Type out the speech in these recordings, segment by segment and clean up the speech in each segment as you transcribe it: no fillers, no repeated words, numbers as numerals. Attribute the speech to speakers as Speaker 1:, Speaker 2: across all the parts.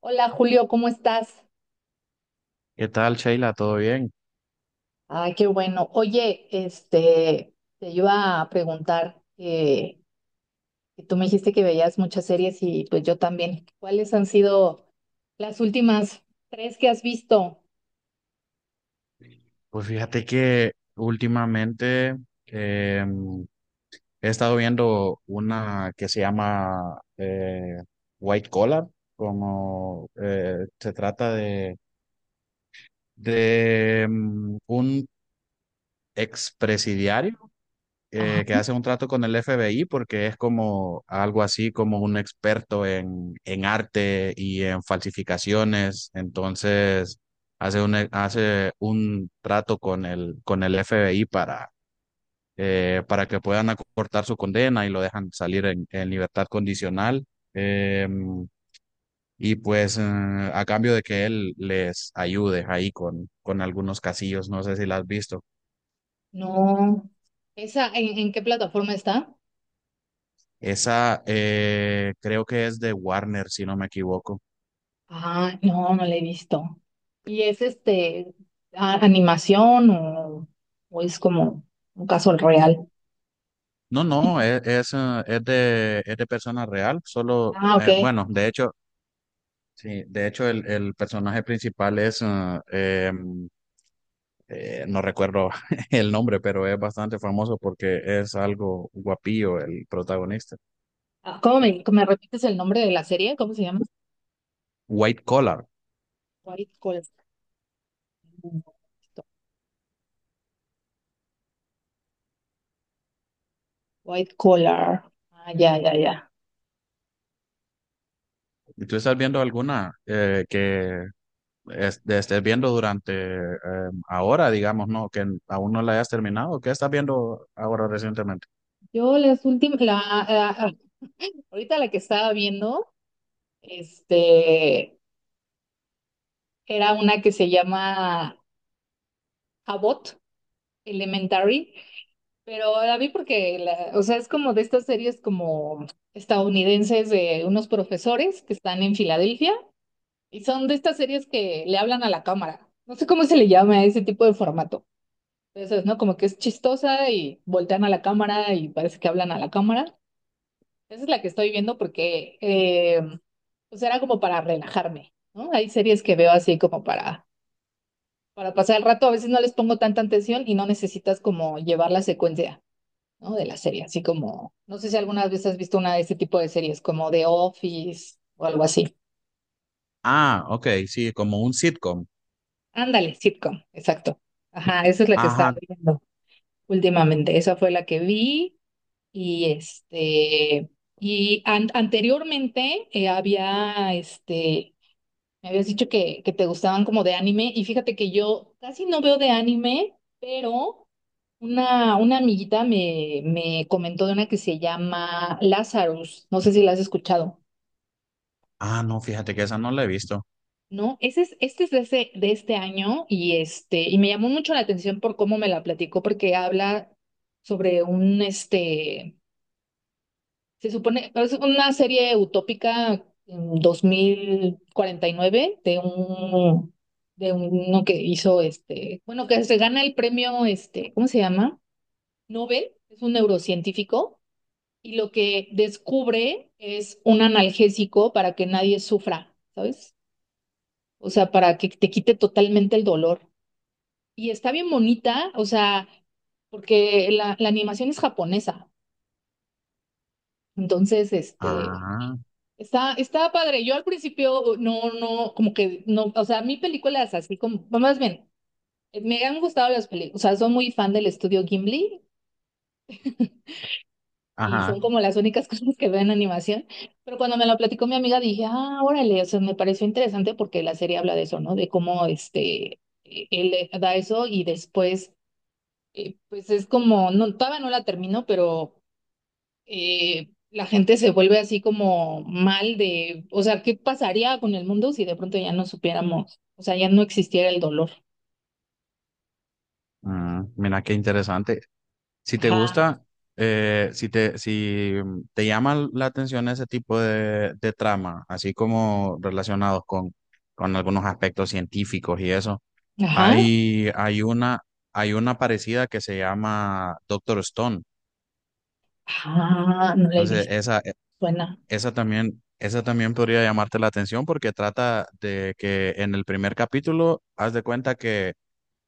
Speaker 1: Hola Julio, ¿cómo estás?
Speaker 2: ¿Qué tal, Sheila? ¿Todo bien?
Speaker 1: Ay, qué bueno. Oye, te iba a preguntar que tú me dijiste que veías muchas series y pues yo también. ¿Cuáles han sido las últimas tres que has visto?
Speaker 2: Pues fíjate que últimamente eh, he estado viendo una que se llama White Collar, como se trata de un expresidiario,
Speaker 1: Ajá,
Speaker 2: que hace un trato con el FBI porque es como algo así como un experto en arte y en falsificaciones. Entonces hace un trato con el FBI para que puedan acortar su condena y lo dejan salir en libertad condicional. Eh, y pues eh, a cambio de que él les ayude ahí con algunos casillos, no sé si la has visto.
Speaker 1: no. ¿Esa en qué plataforma está?
Speaker 2: Esa, creo que es de Warner, si no me equivoco.
Speaker 1: Ah, no, no la he visto. ¿Y es animación o es como un caso real?
Speaker 2: No, no, es, Es es de persona real, solo,
Speaker 1: Ah, ok.
Speaker 2: bueno, de hecho, sí, de hecho el personaje principal es, eh, em, no recuerdo el nombre, pero es bastante famoso porque es algo guapillo el protagonista.
Speaker 1: Ah, ¿cómo me repites el nombre de la serie? ¿Cómo se llama?
Speaker 2: White Collar.
Speaker 1: White Collar. White collar. Ah, ya, ya, ya.
Speaker 2: ¿Y tú estás viendo alguna que estés viendo durante ahora, digamos, no, que aún no la hayas terminado? ¿Qué estás viendo ahora recientemente?
Speaker 1: Yo las últimas, ah, ahorita la que estaba viendo, este, era una que se llama Abbott Elementary, pero la vi porque, o sea, es como de estas series como estadounidenses de unos profesores que están en Filadelfia y son de estas series que le hablan a la cámara. No sé cómo se le llama a ese tipo de formato. Entonces, ¿no? Como que es chistosa y voltean a la cámara y parece que hablan a la cámara. Esa es la que estoy viendo porque pues era como para relajarme, ¿no? Hay series que veo así como para pasar el rato, a veces no les pongo tanta atención y no necesitas como llevar la secuencia, ¿no? De la serie, así como, no sé si alguna vez has visto una de este tipo de series, como The Office o algo así.
Speaker 2: Ah, ok, sí, como un sitcom.
Speaker 1: Ándale, sitcom, exacto. Ajá, esa es la que estaba
Speaker 2: Ajá.
Speaker 1: viendo últimamente, esa fue la que vi y este... Y anteriormente había me habías dicho que te gustaban como de anime y fíjate que yo casi no veo de anime, pero una amiguita me comentó de una que se llama Lazarus, no sé si la has escuchado,
Speaker 2: Ah, no, fíjate que esa no la he visto.
Speaker 1: ¿no? Ese es, este es de, de este año este, y me llamó mucho la atención por cómo me la platicó porque habla sobre este, se supone, es una serie utópica en 2049 de un, de uno que hizo este, bueno, que se gana el premio, este, ¿cómo se llama? Nobel, es un neurocientífico, y lo que descubre es un analgésico para que nadie sufra, ¿sabes? O sea, para que te quite totalmente el dolor. Y está bien bonita, o sea, porque la animación es japonesa. Entonces, este,
Speaker 2: Ah,
Speaker 1: está, está padre. Yo al principio no, como que no, o sea, mi película es así como, más bien, me han gustado las películas, o sea, soy muy fan del estudio Ghibli y son
Speaker 2: ajá.
Speaker 1: como las únicas cosas que veo en animación, pero cuando me lo platicó mi amiga dije, ah, órale, o sea, me pareció interesante porque la serie habla de eso, ¿no? De cómo este, él da eso y después, pues es como, no, todavía no la termino, pero la gente se vuelve así como mal de, o sea, ¿qué pasaría con el mundo si de pronto ya no supiéramos, o sea, ya no existiera el dolor?
Speaker 2: Mm, mira qué interesante. Si te
Speaker 1: Ajá,
Speaker 2: gusta, si te llama la atención ese tipo de trama, así como relacionados con algunos aspectos científicos y eso,
Speaker 1: ajá,
Speaker 2: hay, hay una, hay una parecida que se llama Doctor Stone.
Speaker 1: ajá, no la he
Speaker 2: Entonces,
Speaker 1: visto,
Speaker 2: esa,
Speaker 1: suena,
Speaker 2: Esa también, esa también podría llamarte la atención porque trata de que en el primer capítulo haz de cuenta que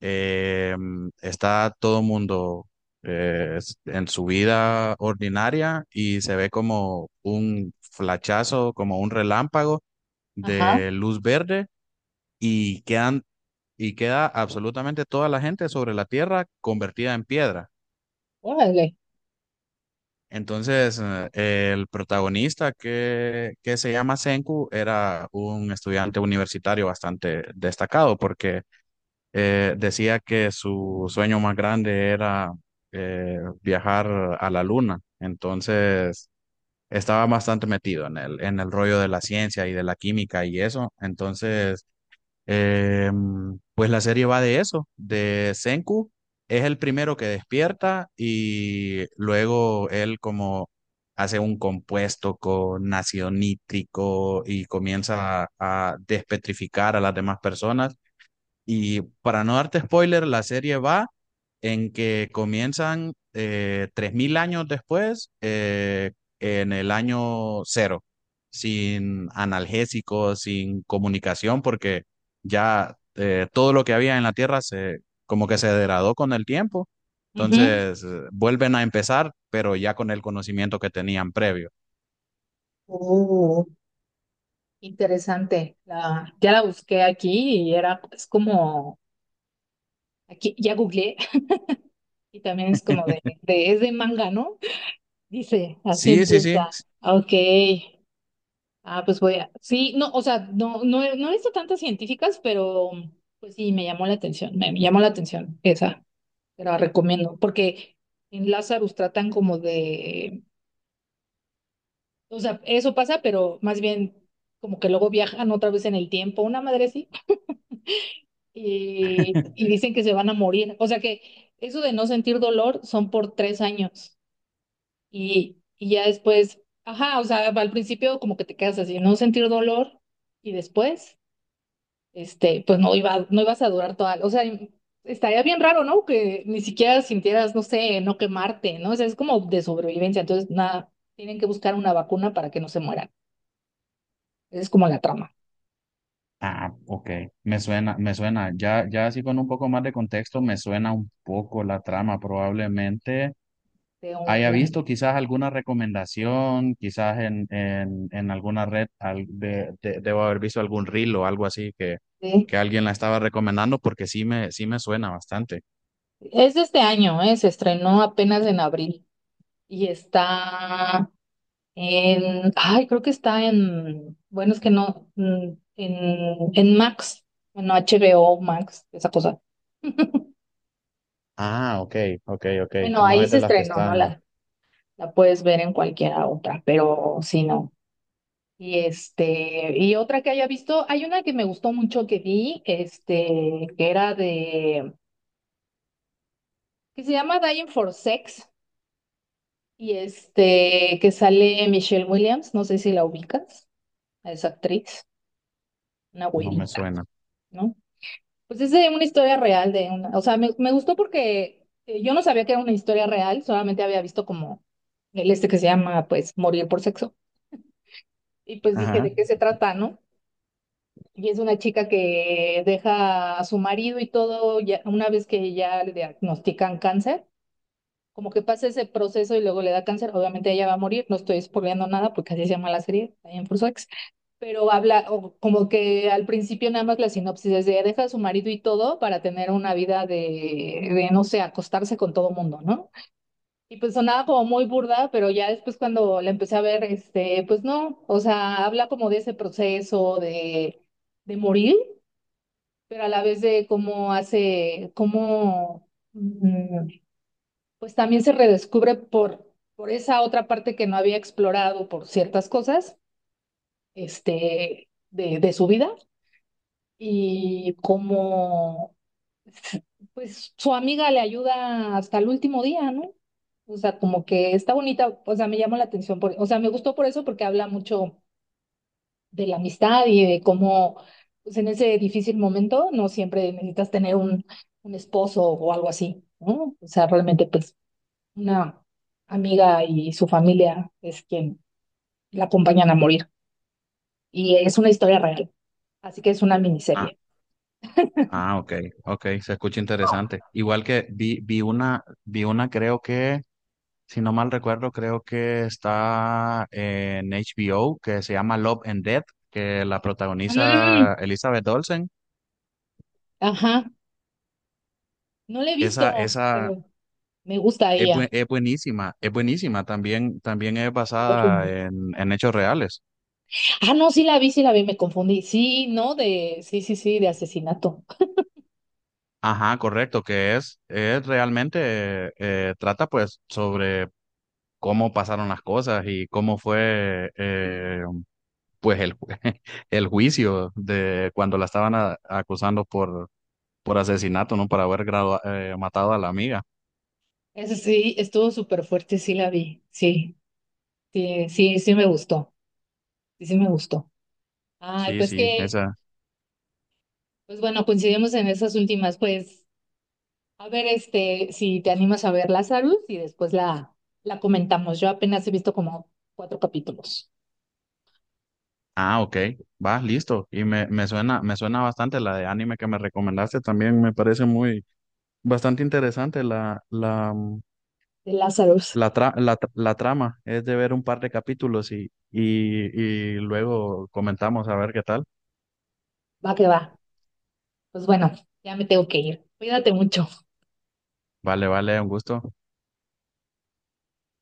Speaker 2: eh, está todo mundo en su vida ordinaria y se ve como un flachazo, como un relámpago
Speaker 1: ajá,
Speaker 2: de luz verde y quedan, y queda absolutamente toda la gente sobre la tierra convertida en piedra.
Speaker 1: órale,
Speaker 2: Entonces, el protagonista que se llama Senku era un estudiante universitario bastante destacado porque decía que su sueño más grande era viajar a la luna. Entonces, estaba bastante metido en el rollo de la ciencia y de la química y eso. Entonces, eh, pues la serie va de eso, de Senku, es el primero que despierta y luego él como hace un compuesto con ácido nítrico y comienza a despetrificar a las demás personas y para no darte spoiler, la serie va en que comienzan 3.000 años después, en el año cero, sin analgésicos, sin comunicación, porque ya todo lo que había en la Tierra se, como que se degradó con el tiempo.
Speaker 1: ujú,
Speaker 2: Entonces, vuelven a empezar, pero ya con el conocimiento que tenían previo.
Speaker 1: uh, interesante, la, ya la busqué aquí y era, es como, aquí ya googleé y también es como de, es de manga, ¿no? Dice, así
Speaker 2: Sí, sí, sí.
Speaker 1: empieza, ok, ah, pues voy a. Sí, no, o sea, no, no he visto tantas científicas, pero pues sí, me llamó la atención, me, llamó la atención esa, te la recomiendo, porque en Lazarus tratan como de, o sea, eso pasa, pero más bien como que luego viajan otra vez en el tiempo, una madre sí, y dicen que se van a morir, o sea que eso de no sentir dolor son por 3 años y ya después, ajá, o sea, al principio como que te quedas así, no sentir dolor y después. Este, pues no iba, no ibas a durar toda, o sea, estaría bien raro, ¿no? Que ni siquiera sintieras, no sé, no quemarte, ¿no? O sea, es como de sobrevivencia, entonces nada, tienen que buscar una vacuna para que no se mueran. Esa es como la trama
Speaker 2: Ah, ok, me suena, me suena. Ya, ya así con un poco más de contexto, me suena un poco la trama. Probablemente
Speaker 1: de
Speaker 2: haya
Speaker 1: un...
Speaker 2: visto quizás alguna recomendación, quizás en alguna red, debo haber visto algún reel o algo así
Speaker 1: de-
Speaker 2: que alguien la estaba recomendando porque sí me suena bastante.
Speaker 1: es de este año, ¿eh? Se estrenó apenas en abril y está en, ay, creo que está en, bueno, es que no, mm, en Max, bueno, HBO Max, esa cosa.
Speaker 2: Ah, ok, ok, ok.
Speaker 1: Bueno,
Speaker 2: No
Speaker 1: ahí
Speaker 2: es
Speaker 1: se
Speaker 2: de las que
Speaker 1: estrenó, ¿no?
Speaker 2: están,
Speaker 1: La puedes ver en cualquiera otra, pero si no. Y este, y otra que haya visto, hay una que me gustó mucho que vi, este, que era de, que se llama Dying for Sex, y este, que sale Michelle Williams, no sé si la ubicas, esa actriz, una
Speaker 2: no me
Speaker 1: güerita,
Speaker 2: suena.
Speaker 1: ¿no? Pues es de una historia real de una, o sea, me gustó porque yo no sabía que era una historia real, solamente había visto como el este que se llama, pues, Morir por Sexo, y pues dije,
Speaker 2: Ajá.
Speaker 1: ¿de qué se trata, no? Y es una chica que deja a su marido y todo, ya, una vez que ya le diagnostican cáncer, como que pasa ese proceso y luego le da cáncer, obviamente ella va a morir, no estoy spoileando nada porque así se llama la serie, también por Ex, pero habla o como que al principio nada más la sinopsis es de deja a su marido y todo para tener una vida de no sé, acostarse con todo mundo, ¿no? Y pues sonaba como muy burda, pero ya después cuando la empecé a ver, este, pues no, o sea, habla como de ese proceso de morir pero a la vez de cómo hace, cómo, mm, pues también se redescubre por esa otra parte que no había explorado por ciertas cosas, este, de su vida y cómo, pues su amiga le ayuda hasta el último día, ¿no? O sea, como que está bonita, o sea, me llamó la atención, por, o sea, me gustó por eso porque habla mucho de la amistad y de cómo, pues en ese difícil momento, no siempre necesitas tener un esposo o algo así, ¿no? O sea, realmente, pues, una amiga y su familia es quien la acompañan a morir. Y es una historia real, así que es una
Speaker 2: Ah,
Speaker 1: miniserie.
Speaker 2: ah, ok, ok, se escucha interesante. Igual que vi, vi una creo que, si no mal recuerdo, creo que está en HBO, que se llama Love and Death, que la
Speaker 1: Mm,
Speaker 2: protagoniza Elizabeth Olsen.
Speaker 1: ajá, no la he
Speaker 2: Esa,
Speaker 1: visto,
Speaker 2: esa
Speaker 1: pero me gusta
Speaker 2: es,
Speaker 1: ella.
Speaker 2: es buenísima, es buenísima. También, también es
Speaker 1: Lo
Speaker 2: basada
Speaker 1: juro.
Speaker 2: en hechos reales.
Speaker 1: Ah, no, sí la vi, me confundí. Sí, no, de, sí, sí, sí, de asesinato.
Speaker 2: Ajá, correcto, es realmente, trata pues sobre cómo pasaron las cosas y cómo fue, pues el, el juicio de cuando la estaban acusando por asesinato, ¿no? Por haber matado a la amiga.
Speaker 1: Eso sí, estuvo súper fuerte, sí la vi, sí. Sí, sí, sí me gustó, sí, sí me gustó. Ay,
Speaker 2: Sí,
Speaker 1: pues
Speaker 2: sí,
Speaker 1: que,
Speaker 2: esa.
Speaker 1: pues bueno, coincidimos en esas últimas, pues, a ver, este, si te animas a ver Lazarus y después la comentamos. Yo apenas he visto como 4 capítulos
Speaker 2: Ah, ok, va, listo. Y me, me suena bastante la de anime que me recomendaste también, me parece muy, bastante interesante la, la, mm,
Speaker 1: de Lazarus.
Speaker 2: la, tra- la, tra- la trama. Es de ver un par de capítulos y luego comentamos a ver qué tal.
Speaker 1: Va que va. Pues bueno, ya me tengo que ir. Cuídate mucho.
Speaker 2: Vale, vale, un gusto.